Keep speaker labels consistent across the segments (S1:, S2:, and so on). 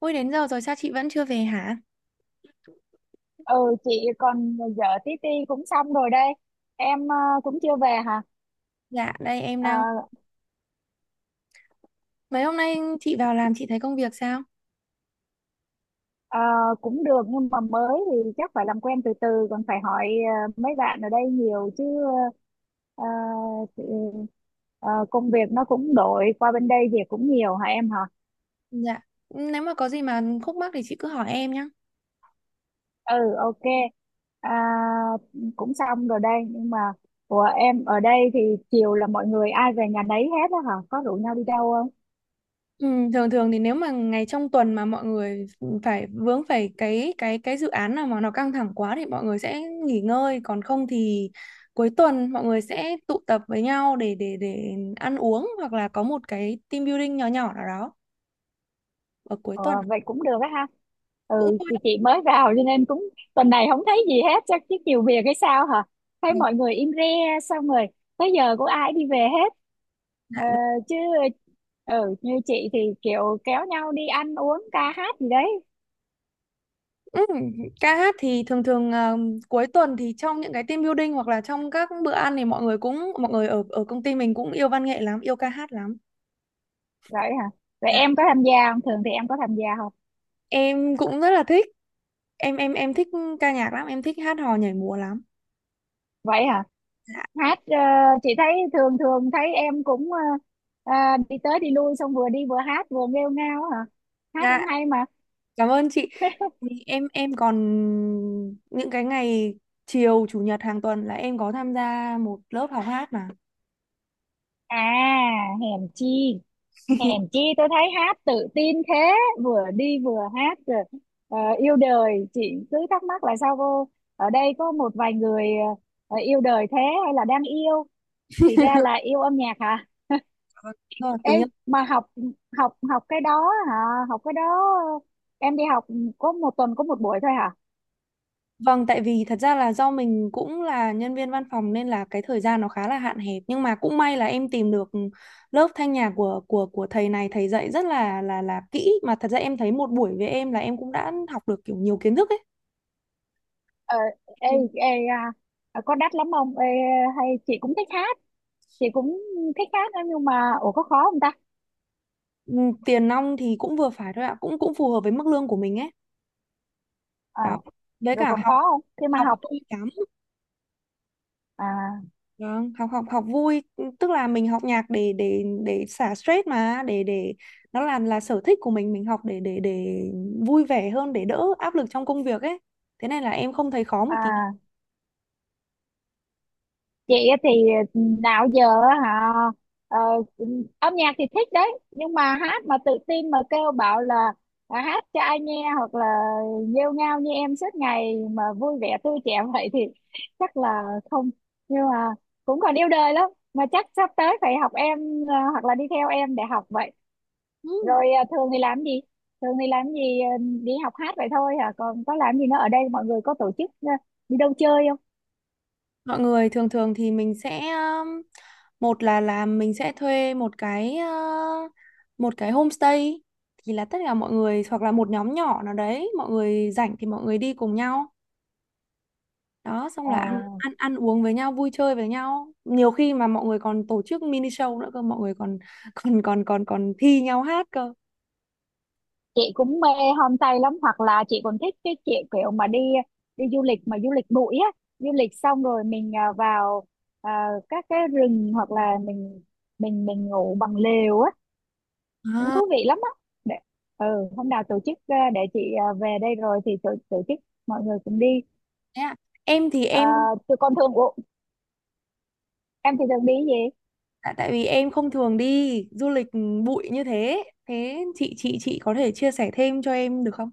S1: Ui, đến giờ rồi sao chị vẫn chưa về hả?
S2: Ừ, chị còn vợ tí ti cũng xong rồi đây. Em cũng chưa về hả?
S1: Dạ, đây em
S2: Ờ,
S1: đang... Mấy hôm nay chị vào làm chị thấy công việc sao?
S2: ờ, cũng được nhưng mà mới thì chắc phải làm quen từ từ, còn phải hỏi mấy bạn ở đây nhiều chứ. ờ, thì, Công việc nó cũng đổi qua bên đây, việc cũng nhiều hả em hả?
S1: Dạ, nếu mà có gì mà khúc mắc thì chị cứ hỏi em nhé.
S2: Ừ, ok. à, Cũng xong rồi đây, nhưng mà của em ở đây thì chiều là mọi người ai về nhà nấy hết á hả, có rủ nhau đi đâu không?
S1: Ừ, thường thường thì nếu mà ngày trong tuần mà mọi người phải vướng phải cái dự án nào mà nó căng thẳng quá thì mọi người sẽ nghỉ ngơi, còn không thì cuối tuần mọi người sẽ tụ tập với nhau để ăn uống hoặc là có một cái team building nhỏ nhỏ nào đó ở cuối
S2: Ờ,
S1: tuần
S2: Vậy cũng được á ha.
S1: cũng
S2: Ừ
S1: thôi.
S2: thì chị mới vào cho nên cũng... Tuần này không thấy gì hết, chắc chứ nhiều việc hay sao hả? Thấy mọi người im re, xong rồi tới giờ cũng ai đi về hết.
S1: Dạ.
S2: ờ, Chứ ừ như chị thì kiểu kéo nhau đi ăn uống ca hát gì đấy.
S1: Ừ, ca hát thì thường thường, à, cuối tuần thì trong những cái team building hoặc là trong các bữa ăn thì mọi người cũng mọi người ở ở công ty mình cũng yêu văn nghệ lắm, yêu ca hát lắm.
S2: Vậy hả? Vậy
S1: Dạ,
S2: em có tham gia không, thường thì em có tham gia không?
S1: em cũng rất là thích. Em thích ca nhạc lắm, em thích hát hò nhảy múa lắm.
S2: Vậy hả?
S1: Dạ.
S2: Hát. Ờ, chị thấy thường thường thấy em cũng ờ, đi tới đi lui, xong vừa đi vừa hát vừa nghêu ngao hả? Hát cũng
S1: Dạ,
S2: hay mà.
S1: cảm ơn chị. Thì em còn những cái ngày chiều chủ nhật hàng tuần là em có tham gia một lớp học hát mà.
S2: À, hèn chi, hèn chi tôi thấy hát tự tin thế. Vừa đi vừa hát rồi yêu đời. Chị cứ thắc mắc là sao cô ở đây có một vài người yêu đời thế, hay là đang yêu. Thì ra là yêu âm nhạc hả?
S1: Vâng. Rồi,
S2: Ê,
S1: tình yêu.
S2: mà học, học cái đó hả? Học cái đó, em đi học có một tuần có một buổi thôi hả?
S1: Vâng, tại vì thật ra là do mình cũng là nhân viên văn phòng nên là cái thời gian nó khá là hạn hẹp, nhưng mà cũng may là em tìm được, lớp thanh nhạc của thầy này, thầy dạy rất là là kỹ mà thật ra em thấy một buổi với em là em cũng đã học được kiểu nhiều kiến thức ấy.
S2: Ờ, ê,
S1: Thì,
S2: ê à, à, Có đắt lắm không? Hay chị cũng thích hát? Chị cũng thích hát đó, nhưng mà ủa có khó không ta?
S1: ừ, tiền nong thì cũng vừa phải thôi ạ, cũng cũng phù hợp với mức lương của mình ấy.
S2: Ờ,
S1: Đó. Với
S2: rồi
S1: cả
S2: còn
S1: học,
S2: khó không khi mà
S1: học
S2: học?
S1: không bị cắm.
S2: À
S1: Vâng, học học học vui, tức là mình học nhạc để xả stress mà để nó là sở thích của mình học để vui vẻ hơn, để đỡ áp lực trong công việc ấy, thế nên là em không thấy khó một tí.
S2: à, chị á thì ừ, nào giờ á hả, ờ, âm nhạc thì thích đấy, nhưng mà hát mà tự tin mà kêu bảo là hát cho ai nghe, hoặc là nghêu ngao như em suốt ngày mà vui vẻ tươi trẻ vậy thì chắc là không. Nhưng mà cũng còn yêu đời lắm mà, chắc sắp tới phải học em, hoặc là đi theo em để học vậy.
S1: Ừ,
S2: Rồi thường thì làm gì, đi học hát vậy thôi hả, còn có làm gì nữa? Ở đây mọi người có tổ chức đi đâu chơi không?
S1: mọi người thường thường thì mình sẽ, một là mình sẽ thuê một cái, uh, một cái homestay, thì là tất cả mọi người hoặc là một nhóm nhỏ nào đấy mọi người rảnh thì mọi người đi cùng nhau đó, xong là ăn
S2: À,
S1: ăn ăn uống với nhau, vui chơi với nhau, nhiều khi mà mọi người còn tổ chức mini show nữa cơ, mọi người còn còn còn còn còn thi nhau hát cơ.
S2: chị cũng mê homestay lắm, hoặc là chị còn thích cái kiểu kiểu mà đi, đi du lịch mà du lịch bụi á. Du lịch xong rồi mình vào các cái rừng, hoặc là mình mình ngủ bằng lều á, cũng
S1: À,
S2: thú vị lắm á. Để ừ, hôm nào tổ chức để chị về đây rồi thì tổ chức mọi người cùng đi.
S1: thế à. Em thì
S2: À,
S1: em,
S2: tụi con thường. Ủa, em thì thường đi cái gì?
S1: tại tại vì em không thường đi du lịch bụi như thế, thế chị có thể chia sẻ thêm cho em được không?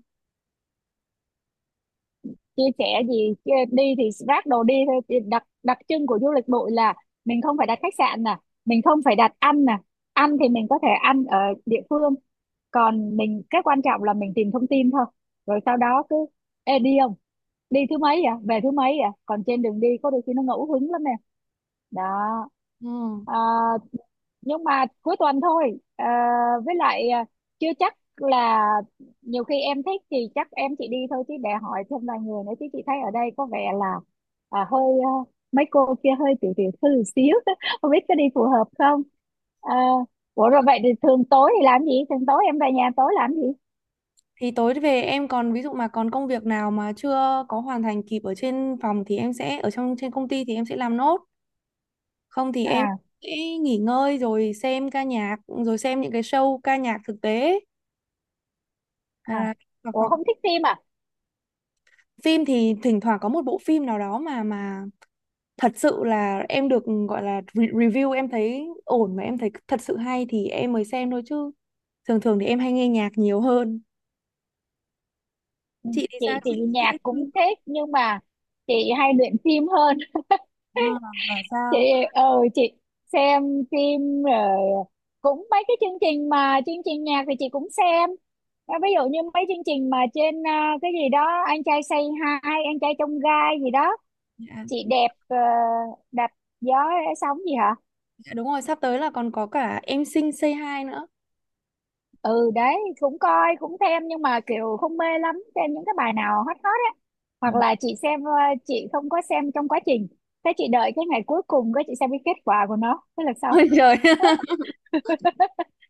S2: Chia sẻ gì, đi thì ráp đồ đi thôi. Thì đặc, đặc trưng của du lịch bụi là mình không phải đặt khách sạn nè, mình không phải đặt ăn nè, ăn thì mình có thể ăn ở địa phương. Còn mình cái quan trọng là mình tìm thông tin thôi, rồi sau đó cứ ê, đi không, đi thứ mấy à, về thứ mấy à. Còn trên đường đi có đôi khi nó ngẫu hứng lắm nè. Đó.
S1: Ừ.
S2: À, nhưng mà cuối tuần thôi với lại chưa chắc là, nhiều khi em thích thì chắc em chỉ đi thôi chứ để hỏi thêm vài người nữa, chứ chị thấy ở đây có vẻ là hơi mấy cô kia hơi tiểu tiểu thư một xíu không biết có đi phù hợp không. Ờ, ủa rồi vậy thì thường tối thì làm gì, thường tối em về nhà tối làm gì?
S1: Thì tối về em còn, ví dụ mà còn công việc nào mà chưa có hoàn thành kịp ở trên phòng thì em sẽ ở trong trên công ty thì em sẽ làm nốt. Không thì em
S2: À
S1: sẽ nghỉ ngơi rồi xem ca nhạc, rồi xem những cái show ca nhạc thực tế.
S2: à,
S1: Hay. Hoặc,
S2: ủa
S1: hoặc
S2: không thích phim à?
S1: phim thì thỉnh thoảng có một bộ phim nào đó mà thật sự là em được gọi là re- review em thấy ổn mà em thấy thật sự hay thì em mới xem thôi chứ. Thường thường thì em hay nghe nhạc nhiều hơn.
S2: Ừ,
S1: Chị thì sao?
S2: chị thì
S1: Chị
S2: nhạc
S1: thích
S2: cũng
S1: phim không?
S2: thích, nhưng mà chị hay luyện phim hơn.
S1: À, và
S2: Chị
S1: sao?
S2: ờ chị xem phim rồi, cũng mấy cái chương trình, mà chương trình nhạc thì chị cũng xem. À, ví dụ như mấy chương trình mà trên cái gì đó, anh trai Say Hi, anh trai trong gai gì đó,
S1: Dạ.
S2: chị đẹp đạp gió sóng gì hả.
S1: Dạ, đúng rồi, sắp tới là còn có cả Em Xinh Say Hi nữa.
S2: Ừ đấy cũng coi, cũng xem, nhưng mà kiểu không mê lắm, xem những cái bài nào hot hot á,
S1: Ừ.
S2: hoặc là chị xem. Ờ, chị không có xem trong quá trình, thế chị đợi cái ngày cuối cùng cái chị xem cái kết quả của nó thế là xong.
S1: Ôi trời.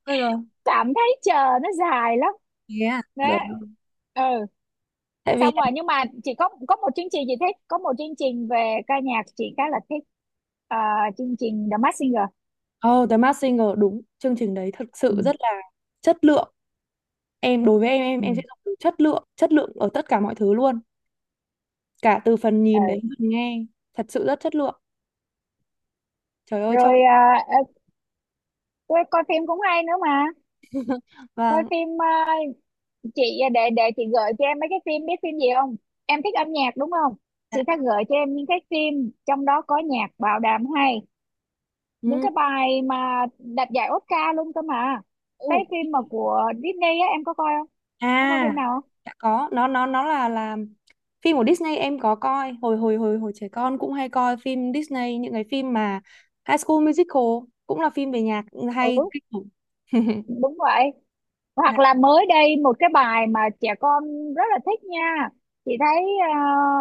S1: Ôi rồi.
S2: Cảm thấy chờ nó dài lắm.
S1: Thế à?
S2: Đấy
S1: Rồi.
S2: ừ.
S1: Tại vì,
S2: Xong rồi, nhưng mà chị có một chương trình chị thích, có một chương trình về ca nhạc chị khá là thích. Ờ, chương trình The Masked Singer.
S1: ờ, The Masked Singer đúng, chương trình đấy thực
S2: Ừ,
S1: sự rất là chất lượng. Em, đối với em em
S2: ừ,
S1: em sẽ dùng từ chất lượng ở tất cả mọi thứ luôn, cả từ phần nhìn đến
S2: ừ.
S1: phần nghe, thật sự rất chất lượng. Trời ơi trông
S2: Rồi tôi coi phim cũng hay nữa mà. Coi
S1: vâng.
S2: phim chị để chị gợi cho em mấy cái phim, biết phim gì không? Em thích âm nhạc đúng không? Chị sẽ
S1: Dạ.
S2: gợi cho em những cái phim trong đó có nhạc bảo đảm hay, những
S1: Ừ.
S2: cái bài mà đạt giải Oscar luôn cơ mà.
S1: Ồ.
S2: Cái phim mà của Disney á, em có coi không,
S1: À,
S2: có coi phim nào không?
S1: đã có, nó là phim của Disney em có coi, hồi hồi hồi hồi trẻ con cũng hay coi phim Disney, những cái phim mà High School Musical cũng là phim về nhạc
S2: Ừ,
S1: hay kinh khủng.
S2: đúng vậy. Hoặc là mới đây một cái bài mà trẻ con rất là thích nha. Chị thấy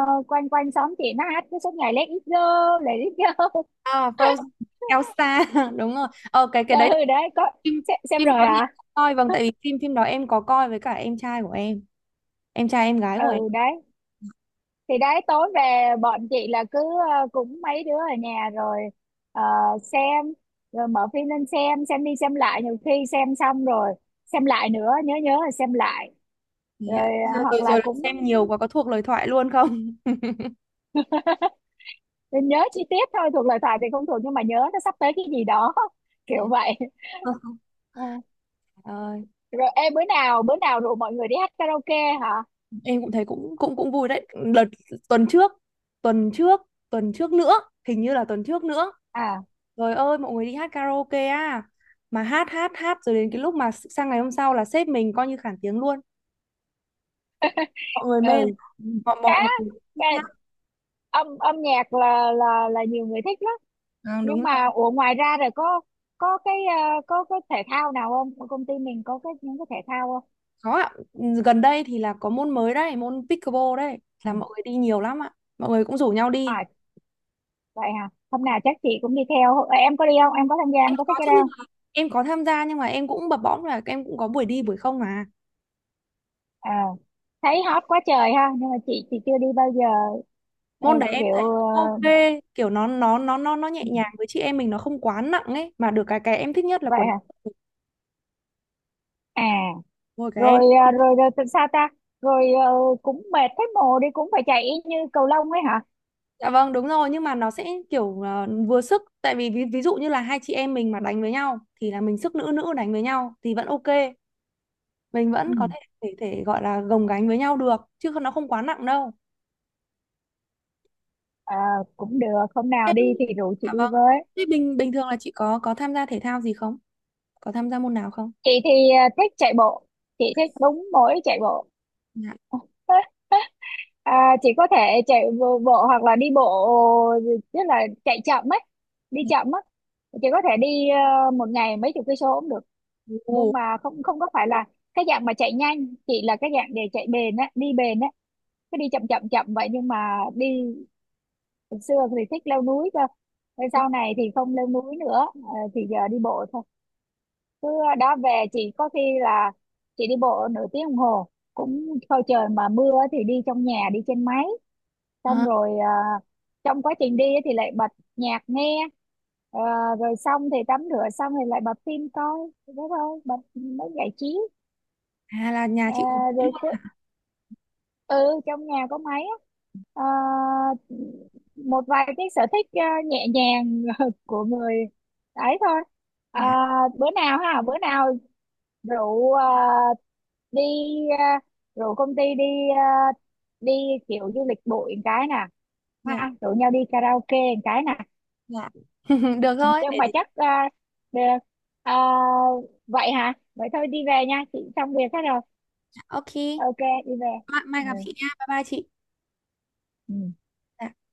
S2: quanh quanh xóm chị nó hát cái suốt ngày Let it go, Let it go.
S1: À, Frozen, Elsa đúng rồi. Ờ cái đấy,
S2: Ừ đấy có
S1: phim,
S2: xem
S1: phim
S2: rồi
S1: đó thì
S2: hả.
S1: em có coi, vâng, tại vì phim phim đó em có coi với cả em trai của em trai em gái của em.
S2: Ừ đấy, thì đấy tối về bọn chị là cứ cũng mấy đứa ở nhà rồi ờ, xem, rồi mở phim lên xem đi xem lại, nhiều khi xem xong rồi xem lại nữa, nhớ nhớ rồi xem lại.
S1: Thế
S2: Rồi
S1: ạ. Rồi
S2: hoặc là
S1: rồi
S2: cũng
S1: xem nhiều quá có thuộc lời thoại luôn không?
S2: nhớ chi tiết thôi, thuộc lời thoại thì không thuộc, nhưng mà nhớ nó sắp tới cái gì đó
S1: Ừ.
S2: kiểu vậy.
S1: Không, không.
S2: Ờ.
S1: Ờ,
S2: Rồi em bữa nào rủ mọi người đi hát karaoke hả?
S1: em cũng thấy cũng cũng cũng vui đấy. Đợt tuần trước, tuần trước, tuần trước nữa hình như là tuần trước nữa,
S2: À
S1: trời ơi mọi người đi hát karaoke à, mà hát hát hát rồi đến cái lúc mà sang ngày hôm sau là sếp mình coi như khản tiếng luôn, mọi người mê lắm.
S2: ừ,
S1: Mọi
S2: khá
S1: mọi, mọi người thích
S2: cái
S1: hát.
S2: âm âm nhạc là là nhiều người thích lắm.
S1: Ừ, đúng
S2: Nhưng
S1: rồi.
S2: mà ủa ngoài ra rồi có cái có cái thể thao nào không, công ty mình có cái những cái thể thao không?
S1: Có ạ, gần đây thì là có môn mới đấy, môn pickleball đấy,
S2: Ừ.
S1: là mọi người đi nhiều lắm ạ. Mọi người cũng rủ nhau đi.
S2: À, vậy hả, hôm nào chắc chị cũng đi theo. Ờ, em có đi không, em có tham gia, em
S1: Em
S2: có thích
S1: có
S2: cái
S1: chứ, nhưng
S2: đâu không?
S1: mà em có tham gia nhưng mà em cũng bập bõm là em cũng có buổi đi buổi không mà.
S2: Ờ, thấy hot quá trời ha, nhưng mà chị chưa đi bao giờ. Ờ,
S1: Môn đấy em
S2: kiểu
S1: thấy
S2: ờ,
S1: ok, kiểu nó nhẹ
S2: ừ,
S1: nhàng với chị em mình, nó không quá nặng ấy, mà được cái em thích nhất là
S2: vậy
S1: quần.
S2: hả. À,
S1: Ôi cái em.
S2: rồi ờ, rồi rồi sao ta? Rồi cũng mệt thấy mồ, đi cũng phải chạy y như cầu lông ấy hả?
S1: Dạ vâng, đúng rồi, nhưng mà nó sẽ kiểu, ờ, vừa sức, tại vì ví dụ như là hai chị em mình mà đánh với nhau thì là mình sức nữ nữ đánh với nhau thì vẫn ok. Mình
S2: Ừ.
S1: vẫn có thể thể gọi là gồng gánh với nhau được, chứ không- nó không quá nặng đâu.
S2: Ờ, cũng được, hôm
S1: Thế,
S2: nào đi thì rủ chị
S1: dạ
S2: đi
S1: vâng,
S2: với.
S1: thế bình bình thường là chị có tham gia thể thao gì không, có tham gia môn nào không?
S2: Chị thì thích chạy bộ, chị thích đúng mỗi chạy bộ.
S1: Dạ.
S2: À, chị có thể chạy bộ hoặc là đi bộ, tức là chạy chậm ấy, đi
S1: Dạ.
S2: chậm á. Chị có thể đi một ngày mấy chục cây số cũng được.
S1: Ồ.
S2: Nhưng mà không, không có phải là cái dạng mà chạy nhanh, chị là cái dạng để chạy bền á, đi bền á, cứ đi chậm chậm chậm vậy, nhưng mà đi. Hồi xưa thì thích leo núi cơ, thế sau này thì không leo núi nữa thì giờ đi bộ thôi. Mưa đó về chị có khi là chị đi bộ nửa tiếng đồng hồ cũng thôi. Trời mà mưa thì đi trong nhà, đi trên máy, xong
S1: À.
S2: rồi trong quá trình đi thì lại bật nhạc nghe. Ờ, rồi xong thì tắm rửa, xong thì lại bật phim coi, thế thôi, bật mới giải trí.
S1: À là nhà
S2: Ờ,
S1: chị cũng,
S2: rồi ừ trong nhà có máy á. Ờ, một vài cái sở thích nhẹ nhàng của người ấy thôi. À,
S1: dạ,
S2: bữa nào ha, bữa nào rượu đi à, rượu công ty đi, à, đi kiểu du lịch bụi một cái nè,
S1: dạ,
S2: ha, rủ nhau đi karaoke một cái nè,
S1: dạ. Được thôi
S2: nhưng
S1: để.
S2: mà chắc được. À, vậy hả, vậy thôi đi về nha, chị xong việc hết rồi.
S1: Ok.
S2: Ok. đi về.
S1: Mai,
S2: Ừ.
S1: mai gặp chị nha, bye bye chị.
S2: Ừ.
S1: Dạ.